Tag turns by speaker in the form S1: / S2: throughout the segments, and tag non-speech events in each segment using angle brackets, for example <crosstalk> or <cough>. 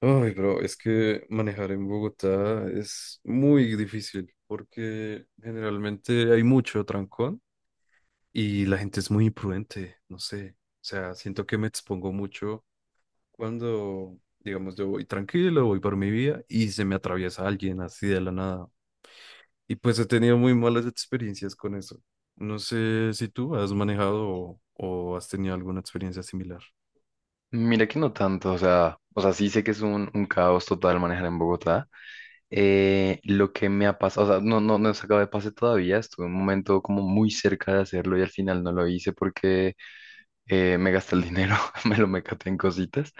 S1: Ay, pero es que manejar en Bogotá es muy difícil porque generalmente hay mucho trancón y la gente es muy imprudente, no sé. O sea, siento que me expongo mucho cuando, digamos, yo voy tranquilo, voy por mi vía y se me atraviesa alguien así de la nada. Y pues he tenido muy malas experiencias con eso. No sé si tú has manejado o has tenido alguna experiencia similar.
S2: Mira que no tanto, o sea, sí sé que es un caos total manejar en Bogotá. Lo que me ha pasado, o sea, no he sacado de pase todavía, estuve un momento como muy cerca de hacerlo y al final no lo hice porque me gasté el dinero, <laughs> me lo me en cositas,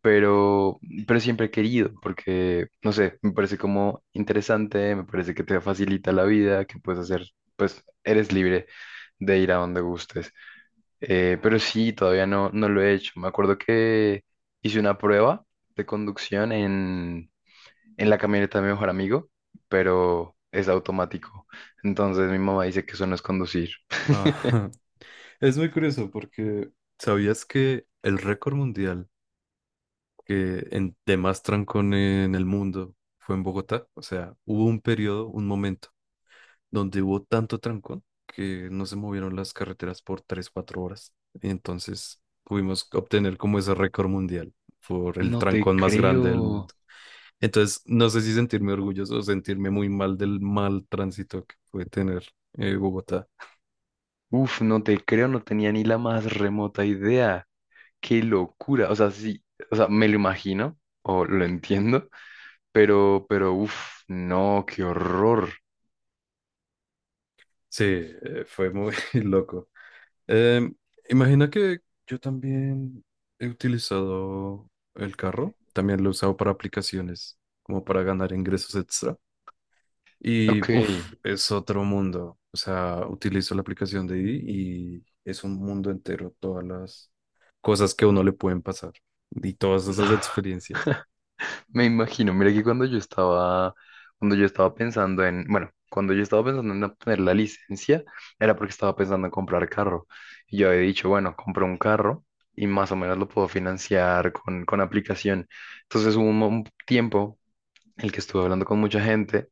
S2: pero, pero siempre he querido, porque, no sé, me parece como interesante, me parece que te facilita la vida, que puedes hacer, pues eres libre de ir a donde gustes. Pero sí, todavía no lo he hecho. Me acuerdo que hice una prueba de conducción en la camioneta de mi mejor amigo, pero es automático. Entonces mi mamá dice que eso no es conducir.
S1: Ah, <laughs> es muy curioso porque ¿sabías que el récord mundial de más trancón en el mundo fue en Bogotá? O sea, hubo un periodo, un momento, donde hubo tanto trancón que no se movieron las carreteras por 3 4 horas. Y entonces pudimos obtener como ese récord mundial por el
S2: No te
S1: trancón más grande del mundo.
S2: creo.
S1: Entonces, no sé si sentirme orgulloso o sentirme muy mal del mal tránsito que puede tener Bogotá.
S2: Uf, no te creo, no tenía ni la más remota idea. Qué locura. O sea, sí, o sea, me lo imagino o lo entiendo, pero, uf, no, qué horror.
S1: Sí, fue muy <laughs> loco. Em, Imagina que yo también he utilizado el carro, también lo he usado para aplicaciones, como para ganar ingresos extra. Y
S2: Ok.
S1: uff, es otro mundo. O sea, utilizo la aplicación de Didi y es un mundo entero, todas las cosas que a uno le pueden pasar y todas esas
S2: <sighs>
S1: experiencias.
S2: Me imagino, mira que cuando yo estaba pensando en, bueno, cuando yo estaba pensando en obtener la licencia, era porque estaba pensando en comprar carro. Y yo había dicho, bueno, compro un carro y más o menos lo puedo financiar con aplicación. Entonces hubo un, un tiempo en el que estuve hablando con mucha gente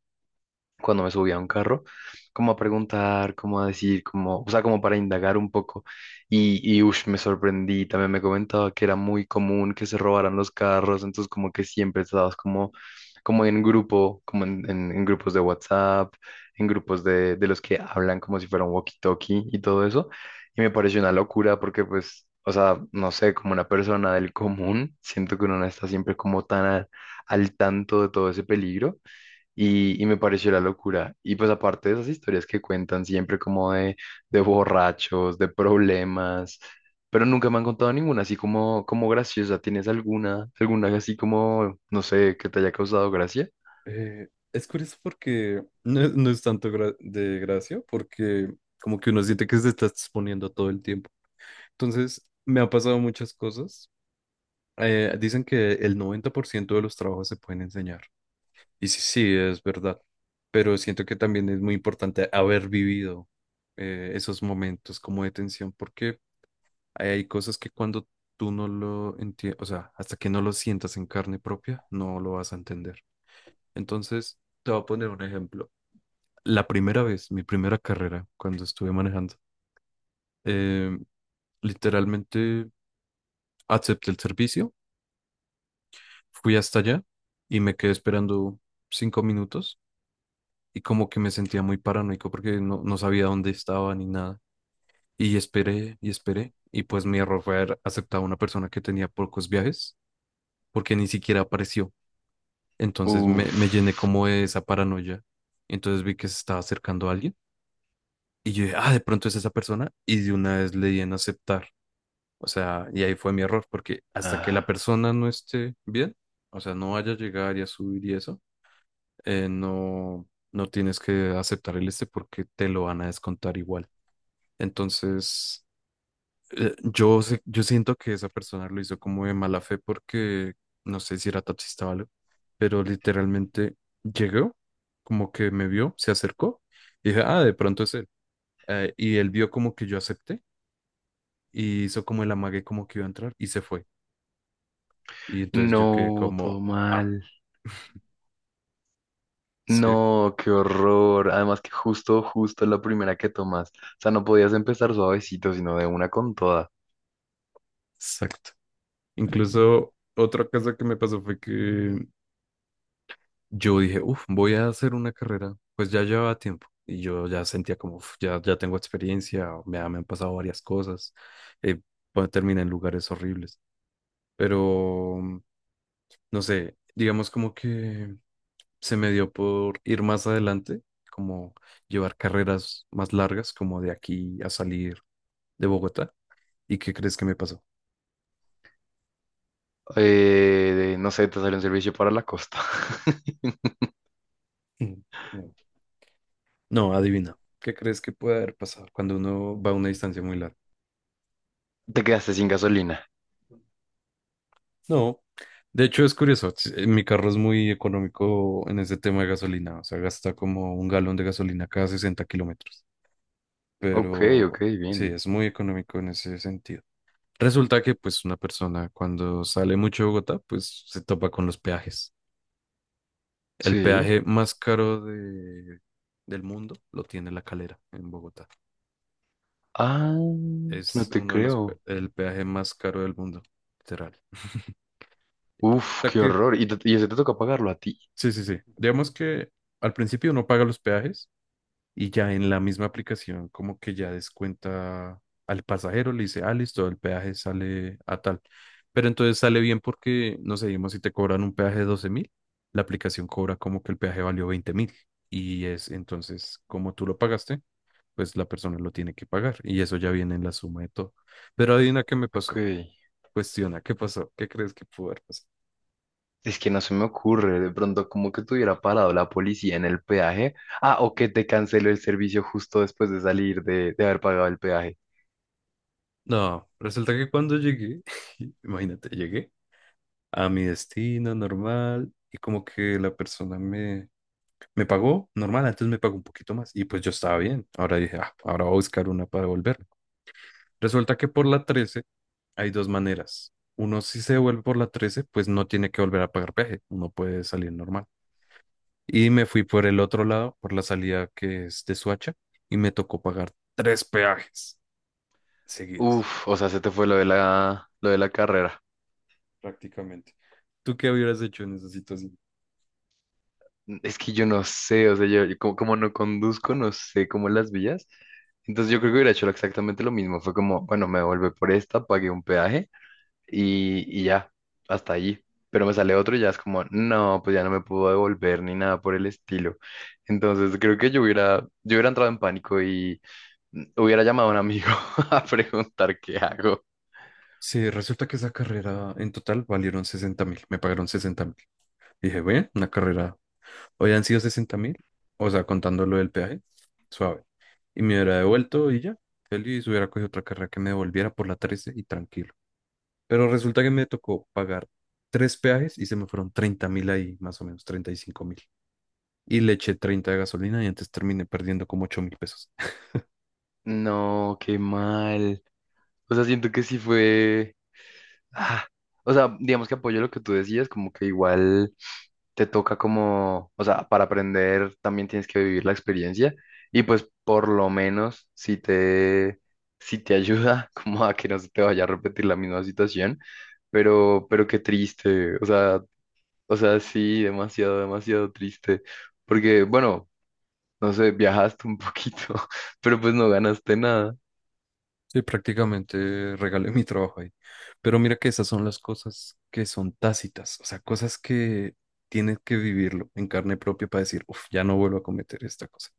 S2: cuando me subí a un carro, como a preguntar, como a decir, como, o sea, como para indagar un poco. Y ush, me sorprendí, también me comentaba que era muy común que se robaran los carros, entonces como que siempre estabas como, como en grupo, como en, en grupos de WhatsApp, en grupos de los que hablan como si fuera un walkie-talkie y todo eso. Y me pareció una locura porque pues... O sea, no sé, como una persona del común, siento que uno no está siempre como tan al tanto de todo ese peligro y me pareció la locura. Y pues aparte de esas historias que cuentan siempre como de borrachos, de problemas, pero nunca me han contado ninguna así como, como graciosa. ¿Tienes alguna, alguna así como, no sé, que te haya causado gracia?
S1: Es curioso porque no, es no es tanto de gracia, porque como que uno siente que se está exponiendo todo el tiempo. Entonces, me ha pasado muchas cosas. Dicen que el 90% de los trabajos se pueden enseñar. Y sí, sí, es verdad. Pero siento que también es muy importante haber vivido esos momentos como de tensión, porque hay cosas que cuando tú no lo entiendes, o sea, hasta que no lo sientas en carne propia, no lo vas a entender. Entonces, te voy a poner un ejemplo. La primera vez, mi primera carrera, cuando estuve manejando, eh, literalmente acepté el servicio. Fui hasta allá y me quedé esperando 5 minutos y como que me sentía muy paranoico porque no, no sabía dónde estaba ni nada. Y esperé y esperé y pues mi error fue haber aceptado a una persona que tenía pocos viajes porque ni siquiera apareció. Entonces me,
S2: Uf.
S1: me llené como de esa paranoia. Entonces vi que se estaba acercando a alguien y yo dije, ah, de pronto es esa persona y de una vez le di en aceptar. O sea, y ahí fue mi error porque hasta que la
S2: Ah.
S1: persona no esté bien, o sea, no vaya a llegar y a subir y eso, no, no tienes que aceptar el este porque te lo van a descontar igual. Entonces, yo siento que esa persona lo hizo como de mala fe porque no sé si era taxista o algo, pero literalmente llegó, como que me vio, se acercó y dije, ah, de pronto es él. Y él vio como que yo acepté y hizo como el amague como que iba a entrar y se fue. Y entonces yo quedé
S2: No, todo
S1: como, ah,
S2: mal.
S1: sí,
S2: No, qué horror. Además que justo, justo la primera que tomas. O sea, no podías empezar suavecito, sino de una con toda.
S1: exacto. Incluso otra cosa que me pasó fue que yo dije, uff, voy a hacer una carrera, pues ya llevaba tiempo y yo ya sentía como, "Uf, ya, ya tengo experiencia, o me han pasado varias cosas, eh, pues, terminé en lugares horribles, pero no sé, digamos como que se me dio por ir más adelante, como llevar carreras más largas, como de aquí a salir de Bogotá. ¿Y qué crees que me pasó?
S2: No sé, te salió un servicio para la costa. <laughs>
S1: Mm, No, no, adivina, ¿qué crees que puede haber pasado cuando uno va a una distancia muy larga?
S2: Te quedaste sin gasolina.
S1: No, de hecho es curioso, mi carro es muy económico en ese tema de gasolina, o sea, gasta como un galón de gasolina cada 60 kilómetros,
S2: Ok, ok,
S1: pero sí,
S2: bien.
S1: es muy económico en ese sentido. Resulta que pues una persona cuando sale mucho de Bogotá, pues se topa con los peajes. El
S2: Sí.
S1: peaje más caro del mundo lo tiene La Calera en Bogotá.
S2: Ah, no
S1: Es
S2: te
S1: uno de los, pe-
S2: creo.
S1: El peaje más caro del mundo, literal. O
S2: Uf,
S1: sea
S2: qué
S1: que,
S2: horror. Y, y ese te toca pagarlo a ti.
S1: sí, sí, sí. Digamos que al principio uno paga los peajes y ya en la misma aplicación como que ya descuenta al pasajero, le dice, ah, listo, el peaje sale a tal. Pero entonces sale bien porque, no sé, digamos, si te cobran un peaje de 12.000, la aplicación cobra como que el peaje valió 20.000. Y es entonces, como tú lo pagaste, pues la persona lo tiene que pagar. Y eso ya viene en la suma de todo. Pero adivina qué me
S2: Ok.
S1: pasó. Cuestiona, ¿qué pasó? ¿Qué crees que pudo haber pasado?
S2: Es que no se me ocurre de pronto como que te hubiera parado la policía en el peaje. Ah, o que te canceló el servicio justo después de salir de haber pagado el peaje.
S1: No, resulta que cuando llegué, <laughs> imagínate, llegué a mi destino normal y como que la persona me pagó normal, antes me pagó un poquito más y pues yo estaba bien. Ahora dije, ah, ahora voy a buscar una para devolverme. Resulta que por la 13 hay dos maneras. Uno, si se devuelve por la 13, pues no tiene que volver a pagar peaje, uno puede salir normal. Y me fui por el otro lado, por la salida que es de Suacha, y me tocó pagar tres peajes seguidas,
S2: Uf, o sea, se te fue lo de la carrera.
S1: prácticamente. ¿Tú qué hubieras hecho en esa situación?
S2: Es que yo no sé, o sea, yo como, como no conduzco, no sé cómo las vías. Entonces yo creo que hubiera hecho exactamente lo mismo. Fue como, bueno, me devolvé por esta, pagué un peaje y ya, hasta allí. Pero me sale otro y ya es como, no, pues ya no me puedo devolver ni nada por el estilo. Entonces creo que yo hubiera entrado en pánico y mm, hubiera llamado a un amigo <laughs> a preguntar qué hago.
S1: Sí, resulta que esa carrera en total valieron 60.000, me pagaron 60.000. Dije, bueno, una carrera, hoy han sido 60.000, o sea, contando lo del peaje, suave. Y me hubiera devuelto y ya, feliz, hubiera cogido otra carrera que me devolviera por la 13 y tranquilo. Pero resulta que me tocó pagar tres peajes y se me fueron 30.000 ahí, más o menos, 35.000. Y le eché 30 de gasolina y antes terminé perdiendo como 8.000 pesos.
S2: No, qué mal. O sea, siento que sí fue... ah, o sea, digamos que apoyo lo que tú decías, como que igual... te toca como, o sea, para aprender también tienes que vivir la experiencia y pues por lo menos si te, si te ayuda <laughs> como a que no se te vaya a repetir la misma situación, pero qué triste, o sea, sí, demasiado, demasiado triste, porque bueno, no sé, viajaste un poquito, <laughs> pero pues no ganaste nada.
S1: Sí, prácticamente regalé <laughs> mi trabajo ahí. Pero mira que esas son las cosas que son tácitas, o sea, cosas que tienes que vivirlo en carne propia para decir, uff, ya no vuelvo a cometer esta cosa.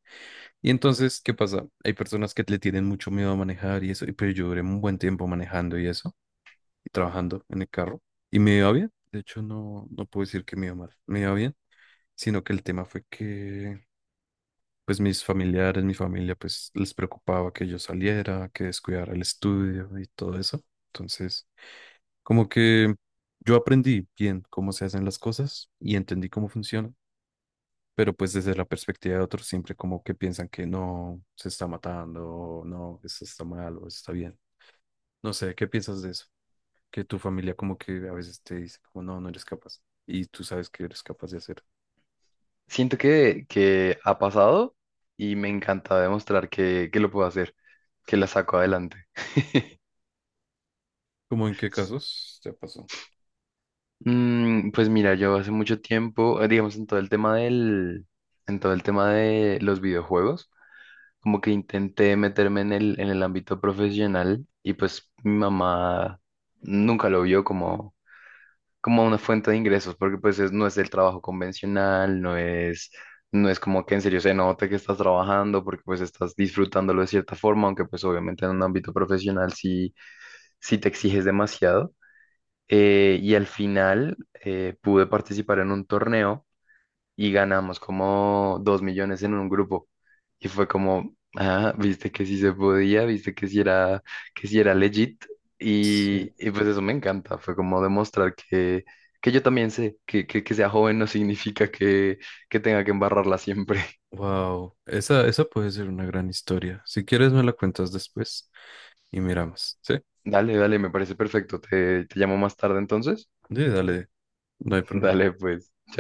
S1: Y entonces, ¿qué pasa? Hay personas que le tienen mucho miedo a manejar y eso, y pero yo duré un buen tiempo manejando y eso, y trabajando en el carro, y me iba bien. De hecho, no, no puedo decir que me iba mal, me iba bien, sino que el tema fue que pues mis familiares, mi familia, pues les preocupaba que yo saliera, que descuidara el estudio y todo eso. Entonces, como que yo aprendí bien cómo se hacen las cosas y entendí cómo funcionan, pero pues desde la perspectiva de otros siempre como que piensan que no, se está matando, o no, eso está mal o eso está bien. No sé, ¿qué piensas de eso? Que tu familia como que a veces te dice como no, no eres capaz y tú sabes que eres capaz de hacer.
S2: Siento que ha pasado y me encanta demostrar que lo puedo hacer, que la saco adelante.
S1: ¿Cómo en qué casos te pasó?
S2: Mm, pues mira, yo hace mucho tiempo, digamos, en todo el tema del, en todo el tema de los videojuegos, como que intenté meterme en el ámbito profesional y pues mi mamá nunca lo vio como, como una fuente de ingresos, porque pues no es el trabajo convencional, no es, no es como que en serio se note que estás trabajando, porque pues estás disfrutándolo de cierta forma, aunque pues obviamente en un ámbito profesional sí, sí te exiges demasiado. Y al final pude participar en un torneo y ganamos como 2 millones en un grupo. Y fue como, ah, viste que sí se podía, viste que sí era legit.
S1: Sí.
S2: Y pues eso me encanta, fue como demostrar que yo también sé que, que sea joven no significa que tenga que embarrarla siempre. <laughs>
S1: Wow, esa puede ser una gran historia. Si quieres me la cuentas después y miramos, ¿sí?
S2: Dale, dale, me parece perfecto. Te llamo más tarde entonces.
S1: Sí, dale, no hay
S2: <laughs>
S1: problema.
S2: Dale, pues.